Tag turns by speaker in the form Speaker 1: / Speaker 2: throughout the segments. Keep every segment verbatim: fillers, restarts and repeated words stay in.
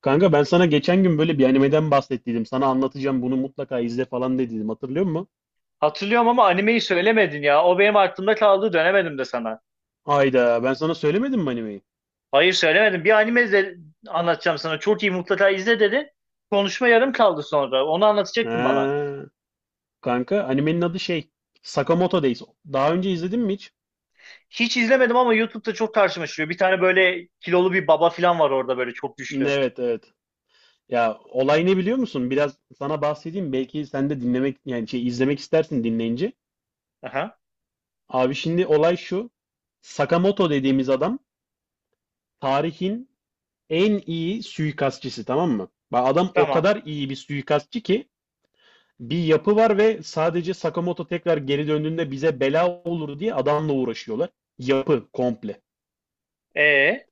Speaker 1: Kanka ben sana geçen gün böyle bir animeden bahsettiydim. Sana anlatacağım bunu mutlaka izle falan dediydim. Hatırlıyor musun?
Speaker 2: Hatırlıyorum ama animeyi söylemedin ya. O benim aklımda kaldı dönemedim de sana.
Speaker 1: Hayda ben sana söylemedim mi animeyi?
Speaker 2: Hayır söylemedim. Bir anime izle, anlatacağım sana. Çok iyi mutlaka izle dedin. Konuşma yarım kaldı sonra. Onu anlatacaktın bana.
Speaker 1: Ha, kanka animenin adı şey Sakamoto Days. Daha önce izledin mi hiç?
Speaker 2: Hiç izlemedim ama YouTube'da çok karşıma çıkıyor. Bir tane böyle kilolu bir baba falan var orada böyle çok güçlü.
Speaker 1: Evet, evet. Ya olay ne biliyor musun? Biraz sana bahsedeyim. Belki sen de dinlemek yani şey izlemek istersin dinleyince.
Speaker 2: Aha,
Speaker 1: Abi şimdi olay şu. Sakamoto dediğimiz adam tarihin en iyi suikastçısı, tamam mı? Bak adam o
Speaker 2: tamam.
Speaker 1: kadar iyi bir suikastçı ki bir yapı var ve sadece Sakamoto tekrar geri döndüğünde bize bela olur diye adamla uğraşıyorlar. Yapı komple.
Speaker 2: Ee.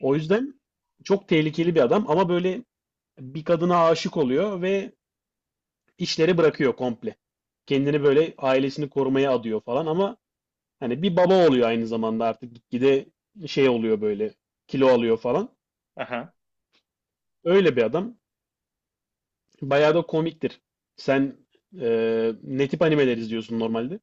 Speaker 1: O yüzden çok tehlikeli bir adam ama böyle bir kadına aşık oluyor ve işleri bırakıyor komple. Kendini böyle ailesini korumaya adıyor falan ama hani bir baba oluyor aynı zamanda artık gitgide şey oluyor böyle kilo alıyor falan.
Speaker 2: aha.
Speaker 1: Öyle bir adam. Bayağı da komiktir. Sen eee ne tip animeler izliyorsun normalde?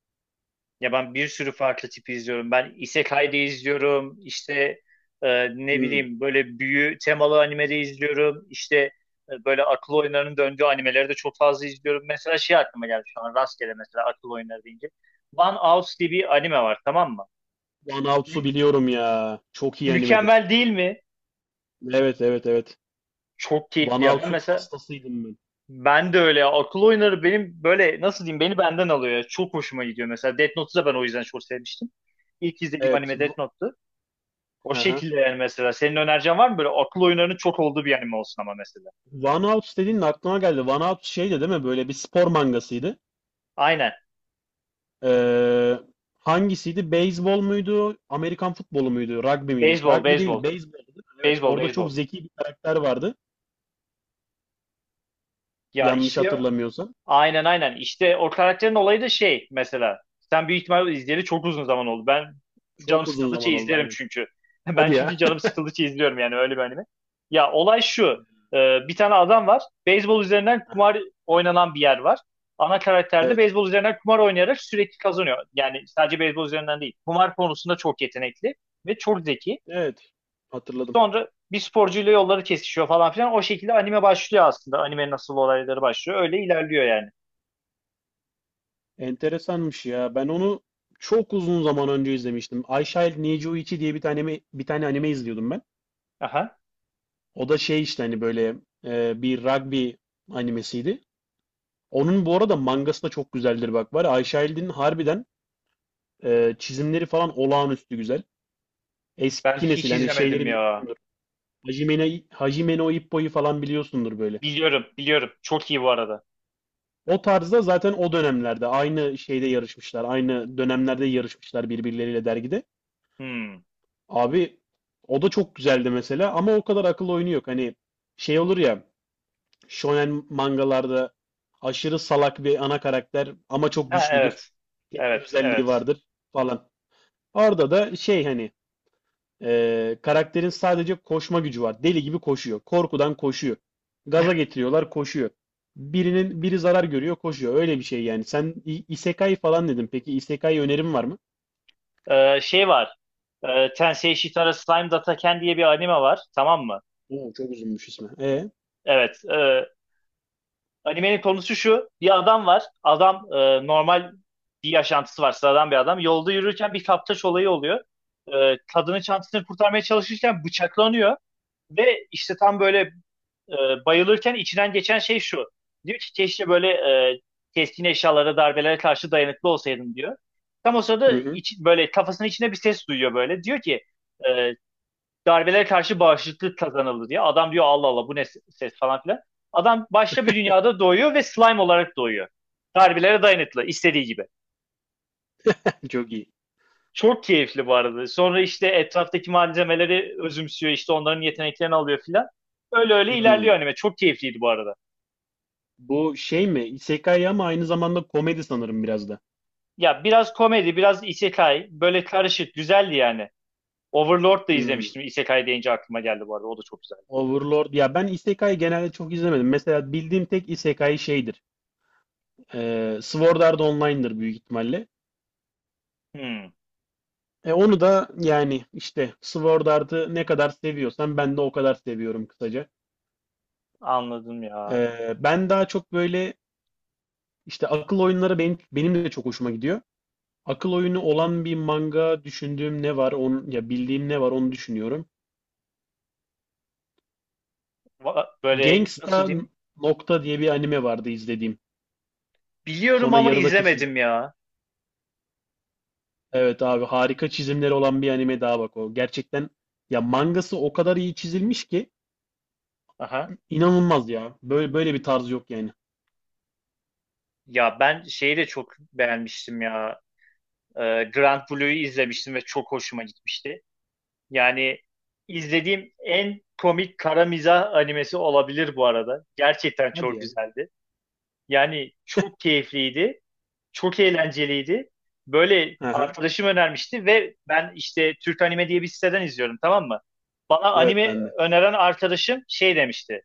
Speaker 2: Ya ben bir sürü farklı tipi izliyorum. Ben Isekai'de izliyorum. İşte e, ne
Speaker 1: Hmm.
Speaker 2: bileyim böyle büyü temalı animede izliyorum. İşte e, böyle akıl oyunlarının döndüğü animeleri de çok fazla izliyorum. Mesela şey aklıma geldi şu an rastgele mesela akıl oyunları deyince. One House diye bir anime var, tamam mı?
Speaker 1: One Outs'u
Speaker 2: Mü-
Speaker 1: biliyorum ya. Çok iyi animedir.
Speaker 2: mükemmel değil mi?
Speaker 1: Evet, evet, evet.
Speaker 2: Çok keyifli
Speaker 1: One
Speaker 2: ya. Ben
Speaker 1: Outs'un
Speaker 2: mesela
Speaker 1: hastasıydım ben.
Speaker 2: ben de öyle ya. Akıl oyunları benim böyle nasıl diyeyim beni benden alıyor ya. Çok hoşuma gidiyor mesela. Death Note'u da ben o yüzden çok sevmiştim. İlk izlediğim
Speaker 1: Evet.
Speaker 2: anime
Speaker 1: w-
Speaker 2: Death Note'tu. O
Speaker 1: Hı hı.
Speaker 2: şekilde yani mesela. Senin önereceğin var mı böyle akıl oyunlarının çok olduğu bir anime olsun ama mesela.
Speaker 1: One Outs dediğin aklıma geldi. One Outs şeydi değil mi? Böyle bir spor mangasıydı.
Speaker 2: Aynen.
Speaker 1: Ee, hangisiydi? Beyzbol muydu? Amerikan futbolu muydu? Rugby miydi?
Speaker 2: Beyzbol,
Speaker 1: Rugby değil,
Speaker 2: beyzbol.
Speaker 1: beyzboldu değil mi? Evet.
Speaker 2: Beyzbol,
Speaker 1: Orada çok
Speaker 2: beyzbol.
Speaker 1: zeki bir karakter vardı.
Speaker 2: Ya
Speaker 1: Yanlış
Speaker 2: işte
Speaker 1: hatırlamıyorsam.
Speaker 2: aynen aynen. İşte o karakterin olayı da şey mesela. Sen büyük ihtimalle izleyeli çok uzun zaman oldu. Ben canım
Speaker 1: Çok uzun
Speaker 2: sıkıldıkça
Speaker 1: zaman oldu
Speaker 2: izlerim
Speaker 1: aynen.
Speaker 2: çünkü. Ben
Speaker 1: Hadi
Speaker 2: çünkü
Speaker 1: ya.
Speaker 2: canım sıkıldıkça izliyorum yani öyle bir anime. Ya olay şu. Ee, bir tane adam var. Beyzbol üzerinden kumar oynanan bir yer var. Ana karakter de
Speaker 1: Evet.
Speaker 2: beyzbol üzerinden kumar oynayarak sürekli kazanıyor. Yani sadece beyzbol üzerinden değil. Kumar konusunda çok yetenekli ve çok zeki.
Speaker 1: Evet. Hatırladım.
Speaker 2: Sonra bir sporcuyla yolları kesişiyor falan filan. O şekilde anime başlıyor aslında. Anime nasıl olayları başlıyor. Öyle ilerliyor yani.
Speaker 1: Enteresanmış ya. Ben onu çok uzun zaman önce izlemiştim. I Shall Need You iki diye bir tane bir tane anime izliyordum ben.
Speaker 2: Aha.
Speaker 1: O da şey işte hani böyle e, bir rugby animesiydi. Onun bu arada mangası da çok güzeldir bak var. Ya, I Shall'in harbiden e, çizimleri falan olağanüstü güzel.
Speaker 2: Ben
Speaker 1: Eski nesil
Speaker 2: hiç
Speaker 1: hani
Speaker 2: izlemedim
Speaker 1: şeyleri
Speaker 2: ya.
Speaker 1: biliyorsundur. Hajime, Hajime no Ippo'yu falan biliyorsundur böyle.
Speaker 2: Biliyorum, biliyorum. Çok iyi bu arada.
Speaker 1: O tarzda zaten o dönemlerde aynı şeyde yarışmışlar. Aynı dönemlerde yarışmışlar birbirleriyle dergide.
Speaker 2: Hmm.
Speaker 1: Abi o da çok güzeldi mesela ama o kadar akıl oyunu yok. Hani şey olur ya shonen mangalarda aşırı salak bir ana karakter ama çok
Speaker 2: Ha,
Speaker 1: güçlüdür.
Speaker 2: evet.
Speaker 1: Tek bir
Speaker 2: Evet,
Speaker 1: özelliği
Speaker 2: evet.
Speaker 1: vardır falan. Orada da şey hani e, karakterin sadece koşma gücü var. Deli gibi koşuyor. Korkudan koşuyor. Gaza getiriyorlar koşuyor. Birinin biri zarar görüyor koşuyor. Öyle bir şey yani. Sen i- isekai falan dedin. Peki isekai önerim var mı?
Speaker 2: Ee, şey var. Ee, Tensei Shitara Slime Dataken diye bir anime var. Tamam mı?
Speaker 1: Oo, çok uzunmuş ismi. E?
Speaker 2: Evet. e, animenin konusu şu. Bir adam var. Adam e, normal bir yaşantısı var. Sıradan bir adam. Yolda yürürken bir kaptaş olayı oluyor. Ee, kadının çantasını kurtarmaya çalışırken bıçaklanıyor. Ve işte tam böyle e, bayılırken içinden geçen şey şu. Diyor ki keşke böyle e, keskin eşyalara, darbelere karşı dayanıklı olsaydım diyor. Tam o
Speaker 1: Hı
Speaker 2: sırada
Speaker 1: hı.
Speaker 2: iç, böyle kafasının içinde bir ses duyuyor böyle. Diyor ki e, darbelere karşı bağışıklık kazanıldı diye. Adam diyor Allah Allah bu ne ses falan filan. Adam başka bir dünyada doğuyor ve slime olarak doğuyor. Darbelere dayanıklı istediği gibi.
Speaker 1: Çok iyi.
Speaker 2: Çok keyifli bu arada. Sonra işte etraftaki malzemeleri özümsüyor işte onların yeteneklerini alıyor filan. Öyle öyle ilerliyor
Speaker 1: Hmm.
Speaker 2: anime. Çok keyifliydi bu arada.
Speaker 1: Bu şey mi? Isekai ama aynı zamanda komedi sanırım biraz da.
Speaker 2: Ya biraz komedi, biraz isekai. Böyle karışık. Güzeldi yani. Overlord da
Speaker 1: Hmm.
Speaker 2: izlemiştim. Isekai deyince aklıma geldi bu arada. O da çok güzeldi.
Speaker 1: Overlord. Ya ben Isekai genelde çok izlemedim. Mesela bildiğim tek Isekai şeydir. Ee, Sword Art Online'dır büyük ihtimalle.
Speaker 2: Hmm,
Speaker 1: E onu da yani işte Sword Art'ı ne kadar seviyorsan ben de o kadar seviyorum kısaca.
Speaker 2: anladım ya.
Speaker 1: Ee, ben daha çok böyle işte akıl oyunları benim, benim de çok hoşuma gidiyor. Akıl oyunu olan bir manga düşündüğüm ne var onu ya bildiğim ne var onu düşünüyorum.
Speaker 2: Va- Böyle nasıl
Speaker 1: Gangsta
Speaker 2: diyeyim?
Speaker 1: nokta diye bir anime vardı izlediğim.
Speaker 2: Biliyorum
Speaker 1: Sonra
Speaker 2: ama
Speaker 1: yarıda kesildim.
Speaker 2: izlemedim ya.
Speaker 1: Evet abi harika çizimleri olan bir anime daha bak o. Gerçekten ya mangası o kadar iyi çizilmiş ki
Speaker 2: Aha.
Speaker 1: inanılmaz ya. Böyle böyle bir tarz yok yani.
Speaker 2: Ya ben şeyi de çok beğenmiştim ya. Ee, Grand Blue'yu izlemiştim ve çok hoşuma gitmişti. Yani izlediğim en komik kara mizah animesi olabilir bu arada. Gerçekten
Speaker 1: Hadi
Speaker 2: çok
Speaker 1: ya.
Speaker 2: güzeldi. Yani çok keyifliydi. Çok eğlenceliydi. Böyle
Speaker 1: Aha.
Speaker 2: arkadaşım önermişti ve ben işte Türk Anime diye bir siteden izliyorum, tamam mı? Bana
Speaker 1: Evet
Speaker 2: anime
Speaker 1: ben de.
Speaker 2: öneren arkadaşım şey demişti.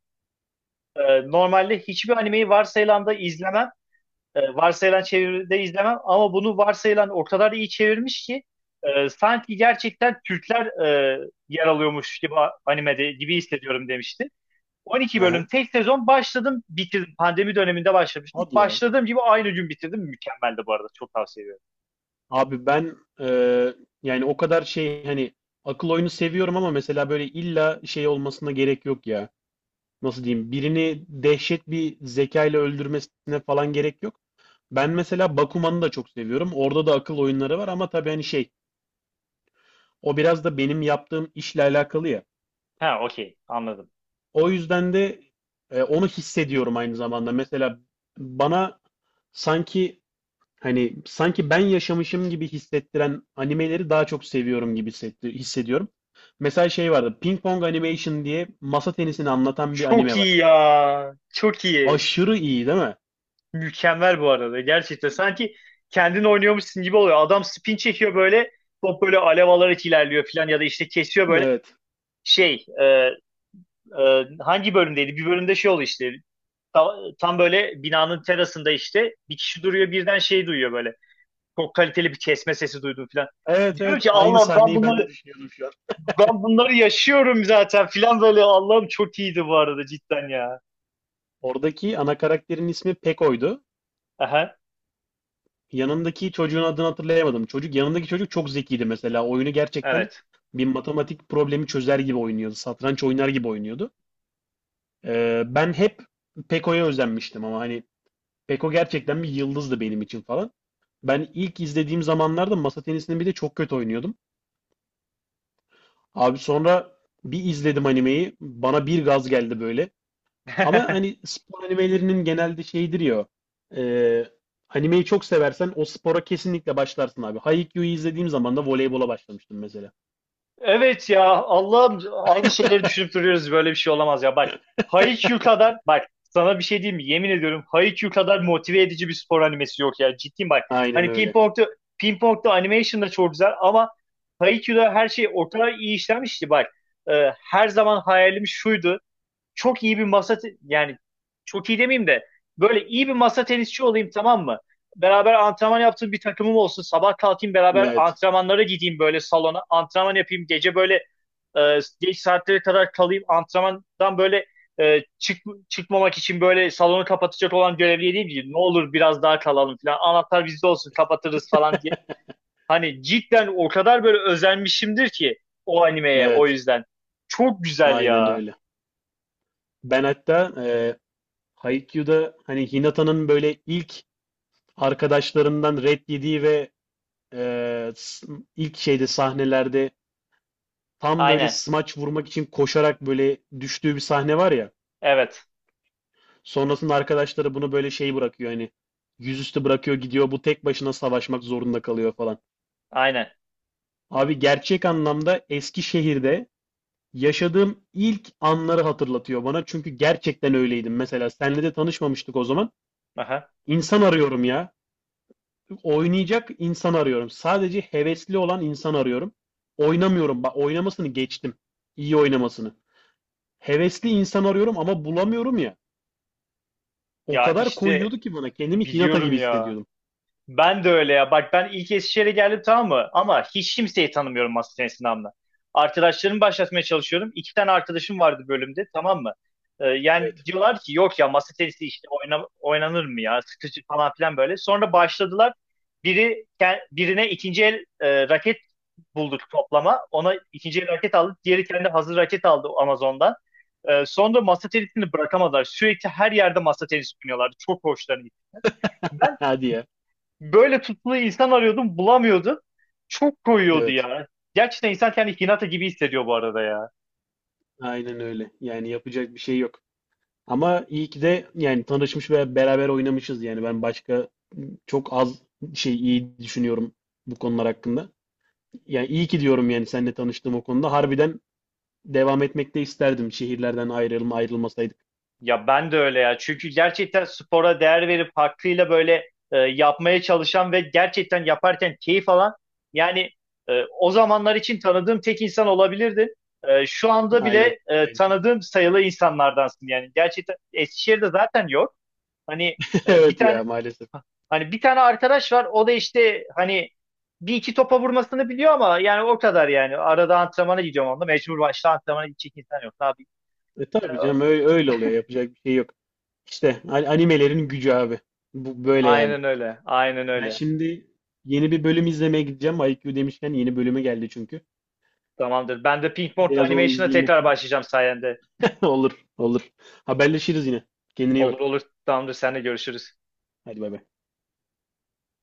Speaker 2: "E, normalde hiçbir animeyi varsayılanda izlemem. E, varsayılan çeviride izlemem ama bunu varsayılan o kadar iyi çevirmiş ki e, sanki gerçekten Türkler e, yer alıyormuş gibi a- animede gibi hissediyorum demişti. on iki bölüm
Speaker 1: Aha.
Speaker 2: tek sezon başladım bitirdim. Pandemi döneminde başlamıştım.
Speaker 1: Hadi ya.
Speaker 2: Başladığım gibi aynı gün bitirdim. Mükemmeldi bu arada. Çok tavsiye ediyorum.
Speaker 1: Abi ben e, yani o kadar şey hani akıl oyunu seviyorum ama mesela böyle illa şey olmasına gerek yok ya. Nasıl diyeyim? Birini dehşet bir zekayla öldürmesine falan gerek yok. Ben mesela Bakuman'ı da çok seviyorum. Orada da akıl oyunları var ama tabii hani şey. O biraz da benim yaptığım işle alakalı ya.
Speaker 2: Ha, okey, anladım.
Speaker 1: O yüzden de e, onu hissediyorum aynı zamanda. Mesela bana sanki hani sanki ben yaşamışım gibi hissettiren animeleri daha çok seviyorum gibi hissetti- hissediyorum. Mesela şey vardı. Ping Pong Animation diye masa tenisini anlatan bir
Speaker 2: Çok
Speaker 1: anime var.
Speaker 2: iyi ya. Çok iyi.
Speaker 1: Aşırı iyi değil mi?
Speaker 2: Mükemmel bu arada. Gerçekten sanki kendin oynuyormuşsun gibi oluyor. Adam spin çekiyor böyle. Top böyle alev alarak ilerliyor falan ya da işte kesiyor böyle.
Speaker 1: Evet.
Speaker 2: Şey e, e, hangi bölümdeydi? Bir bölümde şey oldu işte. Ta- tam böyle binanın terasında işte bir kişi duruyor birden şey duyuyor böyle. Çok kaliteli bir kesme sesi duydum falan.
Speaker 1: Evet, evet.
Speaker 2: Diyorum ki
Speaker 1: Aynı
Speaker 2: Allah'ım ben
Speaker 1: sahneyi ben de
Speaker 2: bunları
Speaker 1: düşünüyordum şu an.
Speaker 2: ben bunları yaşıyorum zaten falan böyle. Allah'ım çok iyiydi bu arada cidden ya.
Speaker 1: Oradaki ana karakterin ismi Peko'ydu.
Speaker 2: Aha,
Speaker 1: Yanındaki çocuğun adını hatırlayamadım. Çocuk yanındaki çocuk çok zekiydi mesela. Oyunu gerçekten
Speaker 2: evet.
Speaker 1: bir matematik problemi çözer gibi oynuyordu. Satranç oynar gibi oynuyordu. Ee, ben hep Peko'ya özenmiştim ama hani Peko gerçekten bir yıldızdı benim için falan. Ben ilk izlediğim zamanlarda masa tenisini bir de çok kötü oynuyordum. Abi sonra bir izledim animeyi. Bana bir gaz geldi böyle. Ama hani spor animelerinin genelde şeyidir ya. E, animeyi çok seversen o spora kesinlikle başlarsın abi. Haikyuu'yu izlediğim zaman da voleybola başlamıştım mesela.
Speaker 2: Evet ya Allah'ım aynı şeyleri düşünüp duruyoruz böyle bir şey olamaz ya bak Haikyuu kadar bak sana bir şey diyeyim mi yemin ediyorum Haikyuu kadar motive edici bir spor animesi yok ya ciddiyim bak
Speaker 1: Aynen
Speaker 2: hani
Speaker 1: öyle.
Speaker 2: Ping Pong'da animation da çok güzel ama Haikyuu'da her şey o kadar iyi işlenmişti bak. Ee, her zaman hayalim şuydu, çok iyi bir masa te- yani çok iyi demeyeyim de böyle iyi bir masa tenisçi olayım, tamam mı? Beraber antrenman yaptığım bir takımım olsun. Sabah kalkayım beraber
Speaker 1: Evet.
Speaker 2: antrenmanlara gideyim böyle salona. Antrenman yapayım. Gece böyle e, geç saatlere kadar kalayım. Antrenmandan böyle e, çık, çıkmamak için böyle salonu kapatacak olan görevliye diyeyim ki ne olur biraz daha kalalım falan. Anahtar bizde olsun kapatırız falan diye. Hani cidden o kadar böyle özenmişimdir ki o animeye o
Speaker 1: Evet.
Speaker 2: yüzden. Çok güzel
Speaker 1: Aynen
Speaker 2: ya.
Speaker 1: öyle. Ben hatta e, Haikyuu'da hani Hinata'nın böyle ilk arkadaşlarından red yediği ve e, s- ilk şeyde sahnelerde tam böyle
Speaker 2: Aynen.
Speaker 1: smaç vurmak için koşarak böyle düştüğü bir sahne var ya.
Speaker 2: Evet.
Speaker 1: Sonrasında arkadaşları bunu böyle şey bırakıyor hani yüzüstü bırakıyor gidiyor bu tek başına savaşmak zorunda kalıyor falan.
Speaker 2: Aynen.
Speaker 1: Abi gerçek anlamda Eskişehir'de yaşadığım ilk anları hatırlatıyor bana. Çünkü gerçekten öyleydim. Mesela senle de tanışmamıştık o zaman.
Speaker 2: Aha.
Speaker 1: İnsan arıyorum ya. Oynayacak insan arıyorum. Sadece hevesli olan insan arıyorum. Oynamıyorum. Bak oynamasını geçtim. İyi oynamasını. Hevesli insan arıyorum ama bulamıyorum ya. O
Speaker 2: Ya
Speaker 1: kadar
Speaker 2: işte
Speaker 1: koyuyordu ki bana. Kendimi Hinata
Speaker 2: biliyorum
Speaker 1: gibi
Speaker 2: ya.
Speaker 1: hissediyordum.
Speaker 2: Ben de öyle ya. Bak ben ilk Eskişehir'e geldim, tamam mı? Ama hiç kimseyi tanımıyorum masa tenisini anla. Arkadaşlarımı başlatmaya çalışıyorum. İki tane arkadaşım vardı bölümde, tamam mı? Ee, yani
Speaker 1: Evet.
Speaker 2: diyorlar ki yok ya masa tenisi işte oyna- oynanır mı ya? Sıkıcı falan filan böyle. Sonra başladılar. Biri ke- birine ikinci el e, raket bulduk toplama. Ona ikinci el raket aldı. Diğeri kendi hazır raket aldı Amazon'dan. Ee, sonra masa tenisini bırakamadılar. Sürekli her yerde masa tenisi oynuyorlardı. Çok hoşlarına gitti. Ben
Speaker 1: Hadi ya.
Speaker 2: böyle tutkulu insan arıyordum, bulamıyordum. Çok koyuyordu
Speaker 1: Evet,
Speaker 2: ya. Gerçekten insan kendi Hinata gibi hissediyor bu arada ya.
Speaker 1: aynen öyle. Yani yapacak bir şey yok. Ama iyi ki de yani tanışmış ve beraber oynamışız. Yani ben başka çok az şey iyi düşünüyorum bu konular hakkında. Yani iyi ki diyorum yani seninle tanıştığım o konuda. Harbiden devam etmek de isterdim. Şehirlerden ayrılma ayrılmasaydık.
Speaker 2: Ya ben de öyle ya. Çünkü gerçekten spora değer verip hakkıyla böyle e, yapmaya çalışan ve gerçekten yaparken keyif alan yani e, o zamanlar için tanıdığım tek insan olabilirdin. E, şu anda
Speaker 1: Aynen
Speaker 2: bile e,
Speaker 1: aynı şekilde.
Speaker 2: tanıdığım sayılı insanlardansın yani. Gerçekten Eskişehir'de zaten yok. Hani e, bir
Speaker 1: Evet
Speaker 2: tane
Speaker 1: ya maalesef.
Speaker 2: hani bir tane arkadaş var. O da işte hani bir iki topa vurmasını biliyor ama yani o kadar yani. Arada antrenmana gidiyorum onunla. Mecbur başta antrenmana gidecek insan yok. Tabii.
Speaker 1: E
Speaker 2: E,
Speaker 1: tabii canım öyle, öyle oluyor. Yapacak bir şey yok. İşte a- animelerin gücü abi. Bu böyle yani.
Speaker 2: aynen öyle. Aynen
Speaker 1: Ben
Speaker 2: öyle.
Speaker 1: şimdi yeni bir bölüm izlemeye gideceğim. I Q demişken yeni bölümü geldi çünkü.
Speaker 2: Tamamdır. Ben de Pink Morton
Speaker 1: Biraz onu
Speaker 2: Animation'a
Speaker 1: izleyeyim
Speaker 2: tekrar
Speaker 1: okuyayım
Speaker 2: başlayacağım sayende.
Speaker 1: Olur, olur. Haberleşiriz yine. Kendine iyi
Speaker 2: Olur
Speaker 1: bak.
Speaker 2: olur. Tamamdır. Seninle görüşürüz.
Speaker 1: Hadi bay bay.